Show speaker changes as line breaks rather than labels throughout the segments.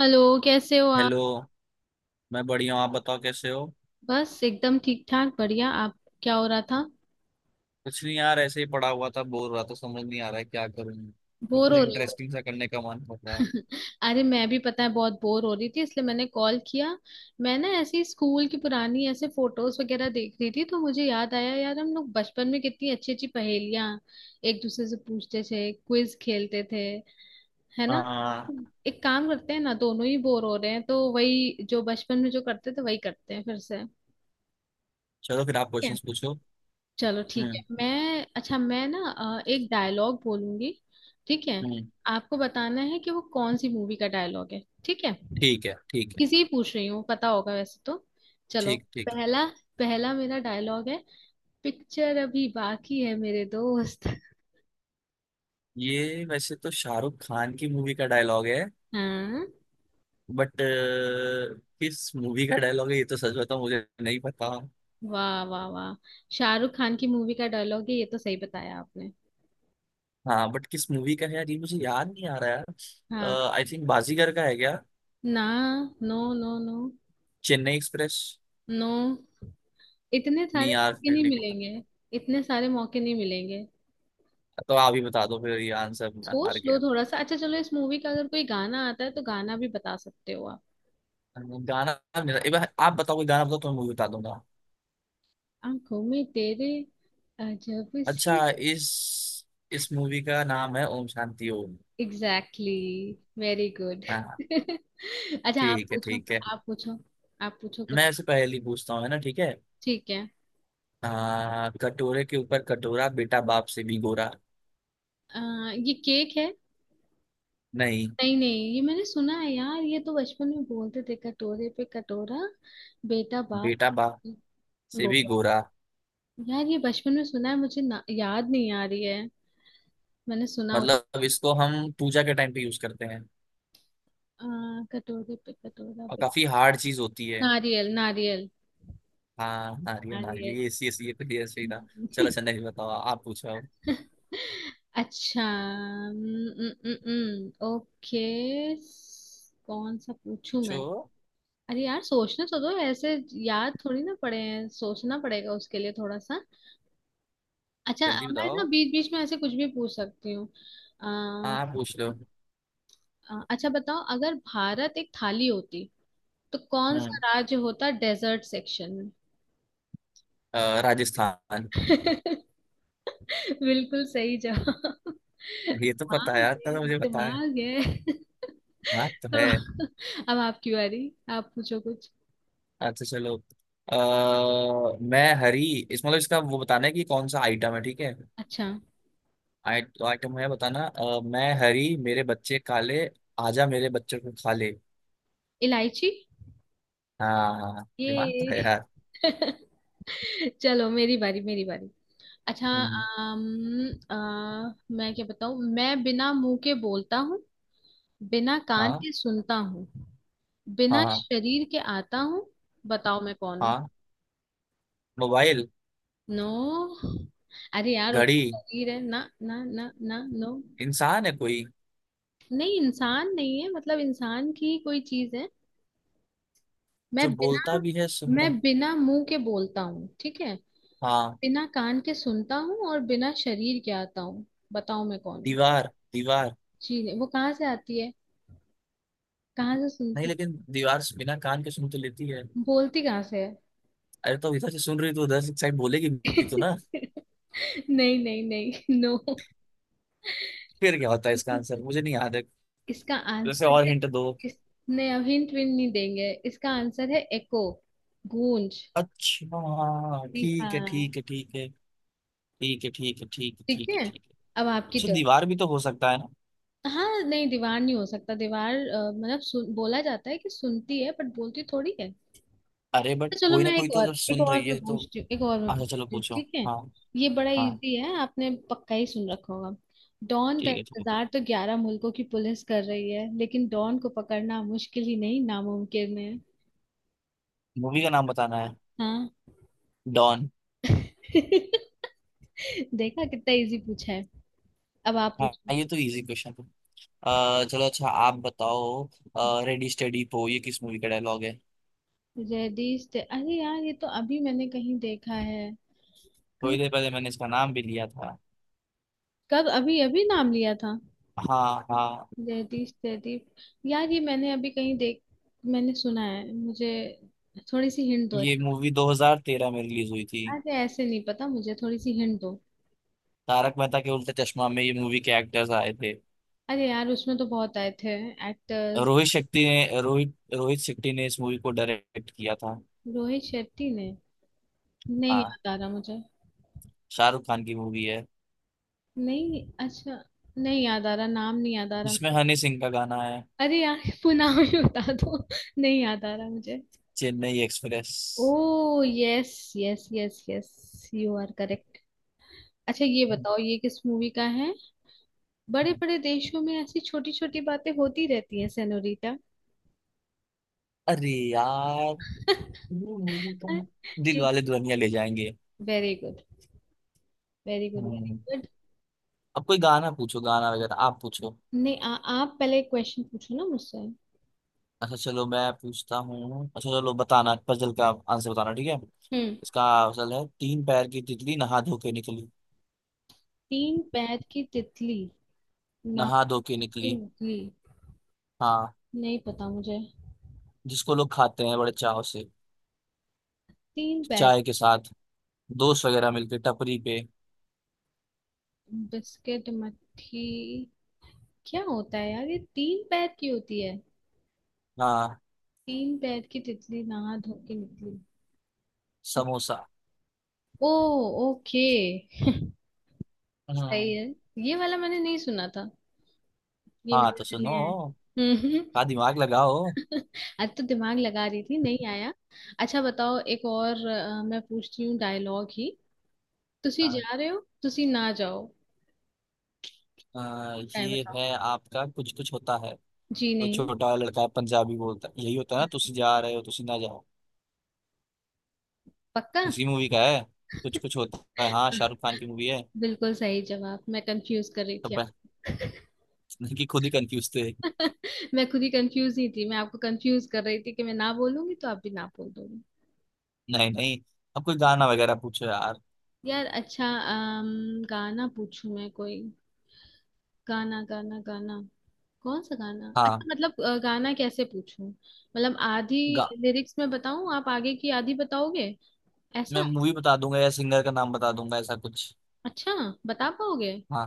Hello. कैसे हो आप?
हेलो। मैं बढ़िया हूँ, आप बताओ कैसे हो।
बस एकदम ठीक ठाक। बढ़िया। आप? क्या हो रहा था?
कुछ नहीं यार, ऐसे ही पड़ा हुआ था, बोर रहा था, समझ नहीं आ रहा है क्या करूँ। कुछ
बोर हो रही हो?
इंटरेस्टिंग सा करने का मन कर रहा है।
अरे मैं भी, पता है, बहुत बोर हो रही थी इसलिए मैंने कॉल किया। मैं ना ऐसे ही स्कूल की पुरानी ऐसे फोटोज वगैरह देख रही थी, तो मुझे याद आया यार, हम लोग बचपन में कितनी अच्छी अच्छी पहेलियां एक दूसरे से पूछते थे, क्विज खेलते थे, है ना?
हाँ।
एक काम करते हैं ना, दोनों ही बोर हो रहे हैं तो वही जो बचपन में जो करते थे वही करते हैं फिर से।
चलो फिर आप क्वेश्चंस पूछो।
चलो ठीक है।
हम्म।
मैं, अच्छा, मैं ना एक डायलॉग बोलूंगी। ठीक है।
हम्म।
आपको बताना है कि वो कौन सी मूवी का डायलॉग है। ठीक है?
ठीक है, ठीक है।
किसी ही पूछ रही हूँ, पता होगा वैसे तो। चलो।
ठीक ठीक है
पहला। पहला मेरा डायलॉग है। पिक्चर अभी बाकी है मेरे दोस्त।
ये वैसे तो शाहरुख खान की मूवी का डायलॉग है।
हाँ।
बट किस मूवी का डायलॉग है ये तो सच बताऊं, मुझे नहीं पता।
वाह वाह वाह। शाहरुख खान की मूवी का डायलॉग है ये, तो सही बताया आपने।
हाँ, बट किस मूवी का है यार, ये मुझे याद नहीं आ रहा
हाँ।
यार। आई थिंक बाजीगर का है क्या?
ना। No no no.
Chennai Express.
No. इतने
नहीं
सारे
यार,
मौके
फिर
नहीं
नहीं।
मिलेंगे। इतने सारे मौके नहीं मिलेंगे।
तो आप ही बता दो फिर, ये आंसर मैं हार
सोच लो
गया।
थोड़ा सा। अच्छा चलो, इस मूवी का अगर कोई गाना आता है तो गाना भी बता सकते हो आप।
गाना। मेरा एक बार आप बताओ, कोई गाना बताओ तो मैं मूवी बता दूंगा।
आंखों में तेरे। अजब
अच्छा,
सी।
इस मूवी का नाम है Om Shanti Om.
Exactly. Very good.
हाँ।
अच्छा आप
ठीक है,
पूछो।
ठीक है।
आप पूछो। आप पूछो कुछ।
मैं ऐसे पहली पूछता हूँ, है ना? ठीक है।
ठीक है।
कटोरे के ऊपर कटोरा, बेटा बाप से भी गोरा।
अ, ये केक है?
नहीं।
नहीं नहीं, ये मैंने सुना है यार, ये तो बचपन में बोलते थे, कटोरे पे कटोरा। बेटा बाप।
बेटा बाप
की।
से भी
गोरा।
गोरा।
यार ये बचपन में सुना है मुझे ना, याद नहीं आ रही है। मैंने सुना हुआ-।
मतलब इसको हम पूजा के टाइम पे यूज करते हैं।
आ, कटोरे पे कटोरा।
और काफी हार्ड चीज होती है।
नारियल नारियल।
हाँ, नारियल नारियल,
नारियल।
ये ऐसी ऐसी। ये ऐसे ही था। चलो अच्छा, नहीं बताओ, आप पूछो।
अच्छा। ओके। कौन सा पूछूं मैं?
पूछो।
अरे यार सोचने तो दो ऐसे। याद थोड़ी ना पड़े हैं, सोचना पड़ेगा उसके लिए थोड़ा सा। अच्छा
जल्दी
मैं ना
बताओ।
बीच बीच में ऐसे कुछ भी पूछ सकती हूँ। अ,
हाँ, आप पूछ लो।
अच्छा बताओ, अगर भारत एक थाली होती तो कौन सा
हम्म
राज्य होता, डेजर्ट सेक्शन
राजस्थान।
में? बिल्कुल सही जवाब।
ये तो पता है
दिमाग
यार, इतना
है,
तो मुझे पता है।
दिमाग है।
हाँ तो
तो
है।
अब आपकी बारी। आप पूछो कुछ।
अच्छा चलो। मैं हरी। इस मतलब इसका वो बताना है कि कौन सा आइटम है, ठीक है।
अच्छा।
तो आइटम है बताना। मैं हरी, मेरे बच्चे काले। आजा मेरे बच्चों को खा ले।
इलायची।
हाँ, दिमाग तो है
ये।
यार।
चलो मेरी बारी, मेरी बारी। अच्छा
हम्म।
मैं क्या बताऊं? मैं बिना मुंह के बोलता हूँ। बिना कान
हाँ,
के सुनता हूँ। बिना
हाँ,
शरीर के आता हूँ। बताओ मैं कौन हूँ?
हाँ। मोबाइल।
नो। अरे यार
घड़ी।
उतना शरीर है, ना ना ना ना, नो।
इंसान है कोई?
नहीं, इंसान नहीं है, मतलब इंसान की ही कोई चीज है। मैं
जो बोलता
बिना
भी है,
मैं
सुनता।
बिना मुंह के बोलता हूँ, ठीक है?
हाँ।
बिना कान के सुनता हूँ और बिना शरीर के आता हूँ। बताओ मैं कौन हूँ?
दीवार। दीवार।
जी नहीं, वो कहाँ से आती है? कहाँ से
नहीं,
सुनती?
लेकिन। दीवार से बिना कान के सुन तो लेती है।
बोलती कहाँ से है?
अरे तो इधर से सुन रही तो उधर से साइड बोलेगी भी तो ना।
नहीं नहीं नहीं।
फिर क्या होता है इसका
नो।
आंसर? मुझे नहीं याद है।
इसका
जैसे,
आंसर
और
है।
हिंट दो।
इसने अब हिंट भी नहीं देंगे, इसका आंसर है एको। गूंज।
अच्छा,
जी
ठीक है,
हाँ।
ठीक है, ठीक है, ठीक है, ठीक है, ठीक है,
ठीक
ठीक है,
है।
ठीक है।
अब आपकी
अच्छा,
टर्न।
दीवार भी तो हो सकता है ना।
हाँ नहीं, दीवार नहीं हो सकता। दीवार मतलब सुन, बोला जाता है कि सुनती है, बट बोलती थोड़ी है।
अरे बट
तो चलो
कोई ना
मैं
कोई
एक
तो
और,
जब
एक
सुन
और
रही
मैं
है तो।
पूछती हूँ, एक और मैं
अच्छा चलो
पूछती हूँ,
पूछो।
ठीक है?
हाँ।
ये बड़ा
हाँ।
इजी है, आपने पक्का ही सुन रखा होगा। डॉन का
ठीक है, ठीक है।
इंतजार तो 11 मुल्कों की पुलिस कर रही है, लेकिन डॉन को पकड़ना मुश्किल ही नहीं, नामुमकिन है।
मूवी का नाम बताना है।
हाँ।
डॉन।
देखा कितना इजी पूछा है। अब आप
हाँ,
पूछो।
ये तो इजी क्वेश्चन है। चलो, अच्छा आप बताओ। रेडी स्टेडी पो, ये किस मूवी का डायलॉग है?
रेडिश ते-, अरे यार, ये तो अभी मैंने कहीं देखा है। कहीं।
थोड़ी देर पहले मैंने इसका नाम भी लिया था।
कब? अभी अभी नाम लिया था?
हाँ, हाँ।
Reddish ready. यार ये मैंने अभी कहीं देख। मैंने सुना है मुझे। थोड़ी सी हिंट दो।
ये मूवी 2013 में रिलीज हुई थी।
अरे ऐसे नहीं पता मुझे, थोड़ी सी हिंट दो।
तारक मेहता के उल्टा चश्मा में ये मूवी के एक्टर्स आए थे।
अरे यार उसमें तो बहुत आए थे। एक्टर्स।
रोहित शेट्टी ने इस मूवी को डायरेक्ट किया था।
रोहित शेट्टी ने? नहीं
हाँ,
याद आ रहा मुझे।
शाहरुख खान की मूवी है।
नहीं, अच्छा। नहीं याद आ रहा, नाम नहीं याद आ
जिसमें
रहा।
हनी सिंह का गाना है।
अरे यार पुनाव ही बता दो। नहीं याद आ रहा मुझे।
Chennai express.
Oh, yes yes yes yes, you are correct. अच्छा ये बताओ, ये किस मूवी का है? बड़े बड़े देशों में ऐसी छोटी छोटी बातें होती रहती हैं सेनोरिटा।
अरे यार, ये मूवी तो दिल वाले दुल्हनिया ले जाएंगे।
Very good, very good, very
hmm.
Good.
अब कोई गाना पूछो, गाना वगैरह आप पूछो।
नहीं, आप पहले एक क्वेश्चन पूछो ना मुझसे।
अच्छा चलो, मैं पूछता हूँ। अच्छा चलो, बताना पजल का आंसर बताना, ठीक है।
हम्म।
इसका, असल है तीन पैर की तितली नहा धो के निकली।
तीन पैर की तितली। नाक
नहा धो के
की
निकली।
नकली।
हाँ।
नहीं पता मुझे।
जिसको लोग खाते हैं बड़े चाव से।
तीन पैर।
चाय के साथ। दोस्त वगैरह मिलके टपरी पे।
बिस्किट मट्ठी। क्या होता है यार, ये तीन पैर की होती है?
हाँ।
तीन पैर की तितली नहा धो के निकली।
समोसा।
ओ। ओके। सही
हम्म।
है। ये वाला मैंने नहीं सुना था। ये
हाँ
मेरे
तो
लिए
सुनो।
नया है। हम्म,
का दिमाग लगाओ।
आज तो दिमाग लगा रही थी, नहीं आया। अच्छा बताओ, एक और मैं पूछती हूँ डायलॉग ही। तुसी
हाँ।
जा रहे हो, तुसी ना जाओ। क्या
ये
बताओ?
है आपका कुछ कुछ होता है।
जी
तो
नहीं।
छोटा वाला लड़का है, पंजाबी बोलता है, यही होता है ना, तुसी जा रहे हो तुसी ना जाओ।
पक्का?
उसी मूवी का है। कुछ कुछ होता है, हाँ शाहरुख खान की मूवी है।
बिल्कुल सही जवाब, मैं कंफ्यूज कर रही
तो
थी।
बस। कि खुद ही कंफ्यूज थे।
मैं खुद ही कंफ्यूज ही थी, मैं आपको कंफ्यूज कर रही थी कि मैं ना बोलूंगी तो आप भी ना बोल दोगे।
नहीं, नहीं। अब कोई गाना वगैरह पूछो यार।
यार अच्छा। गाना पूछूं मैं कोई? गाना गाना गाना। कौन सा गाना? अच्छा
हाँ।
मतलब गाना कैसे पूछूं, मतलब आधी
गा
लिरिक्स में बताऊं, आप आगे की आधी बताओगे?
मैं
ऐसा।
मूवी बता दूंगा या सिंगर का नाम बता दूंगा, ऐसा कुछ।
अच्छा। बता पाओगे?
हाँ,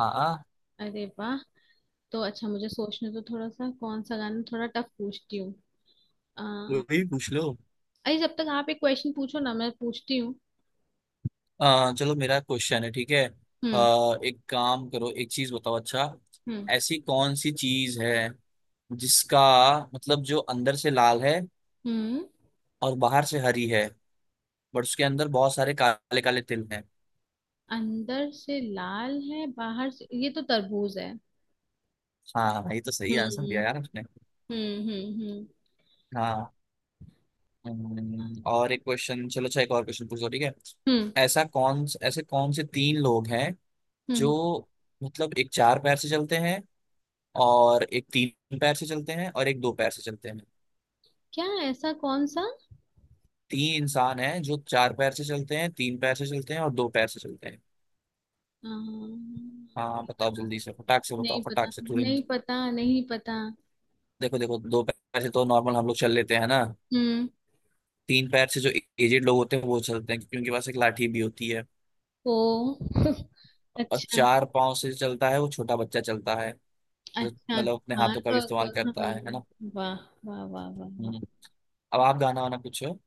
हाँ, हाँ।
अरे वाह। तो अच्छा, मुझे सोचने तो, थोड़ा सा कौन सा गाना, थोड़ा टफ पूछती हूँ। अ,
कोई भी पूछ लो।
अरे जब तक आप एक क्वेश्चन पूछो ना, मैं पूछती हूँ।
चलो, मेरा क्वेश्चन है, ठीक है।
हम्म।
एक काम करो, एक चीज बताओ अच्छा।
हम्म,
ऐसी कौन सी चीज है, जिसका, मतलब जो अंदर से लाल है,
हम्म।
और बाहर से हरी है, बट उसके अंदर बहुत सारे काले काले तिल हैं।
अंदर से लाल है, बाहर से, ये तो तरबूज है।
हाँ, ये तो सही
हम्म,
आंसर दिया यार आपने।
हम्म, हम्म। हम्म,
हाँ। और एक क्वेश्चन चलो, अच्छा एक और क्वेश्चन पूछो, ठीक है।
हम्म,
ऐसा कौन ऐसे कौन से तीन लोग हैं, जो,
हम्म।
मतलब एक चार पैर से चलते हैं, और एक तीन पैर से चलते हैं और एक दो पैर से चलते हैं।
क्या, ऐसा कौन सा।
तीन इंसान हैं जो चार पैर से चलते हैं, तीन पैर से चलते हैं और दो पैर से चलते हैं।
नहीं
हाँ बताओ
पता।
जल्दी से, फटाक से
नहीं
बताओ,
पता,
फटाक से
नहीं
तुरंत।
पता, नहीं पता।
देखो देखो, दो पैर से तो नॉर्मल हम लोग चल लेते हैं ना।
हम्म।
तीन पैर से जो एजेड लोग होते हैं वो चलते हैं, क्योंकि उनके पास एक लाठी भी होती है।
ओ।
और
अच्छा।
चार पांव से चलता है, वो छोटा बच्चा चलता है। जो,
अच्छा।
मतलब अपने
हाँ
हाथों का भी इस्तेमाल
तो
करता
हाँ।
है ना।
वाह। वाह वाह वाह वाह
हम्म। अब आप गाना वाना पूछो।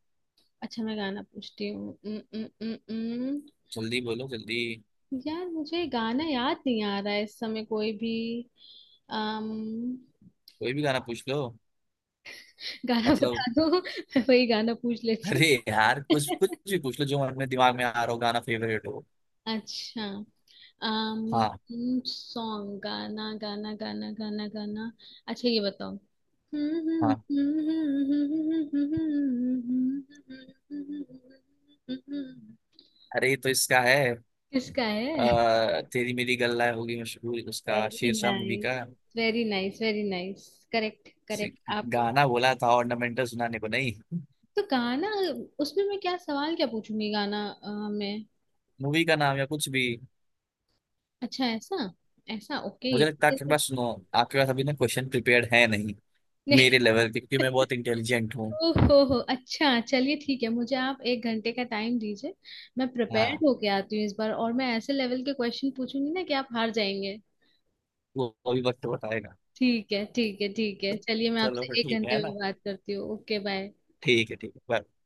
अच्छा मैं गाना पूछती हूँ।
जल्दी बोलो जल्दी।
यार मुझे गाना याद नहीं आ रहा है इस समय कोई भी। अम
कोई भी गाना पूछ लो।
गाना बता
मतलब।
दो। मैं वही गाना पूछ लेती
अरे यार, कुछ कुछ
हूँ।
भी पूछ लो जो अपने दिमाग में आ रहा हो, गाना फेवरेट हो।
अच्छा।
हाँ।
सॉन्ग, गाना गाना गाना गाना गाना। अच्छा ये बताओ।
हाँ। अरे ये तो इसका है।
किसका है?
तेरी मेरी गल्ला होगी मशहूर, उसका
वेरी
शेरशाह मूवी
नाइस।
का।
Very nice, very nice. Correct,
से-
करेक्ट। आपको
गाना बोला था, ऑर्नामेंटल सुनाने को नहीं।
तो गाना, उसमें मैं क्या सवाल क्या पूछूंगी? गाना में।
मूवी का नाम या कुछ भी।
अच्छा ऐसा। ऐसा, ओके,
मुझे लगता है
ये।
आपके पास, सुनो, आपके पास अभी ना क्वेश्चन प्रिपेयर्ड है नहीं, मेरे
नहीं।
लेवल के, क्योंकि मैं बहुत इंटेलिजेंट हूँ।
ओहो हो, अच्छा चलिए ठीक है, मुझे आप एक घंटे का टाइम दीजिए। मैं
हाँ।
प्रिपेयर्ड होके आती हूँ इस बार, और मैं ऐसे लेवल के क्वेश्चन पूछूंगी ना कि आप हार जाएंगे।
वो अभी वक्त बताएगा।
ठीक है, ठीक है, ठीक है। चलिए, मैं
चलो फिर
आपसे एक
ठीक
घंटे
है ना।
में बात करती हूँ। Okay, bye.
ठीक है, ठीक है, बाय।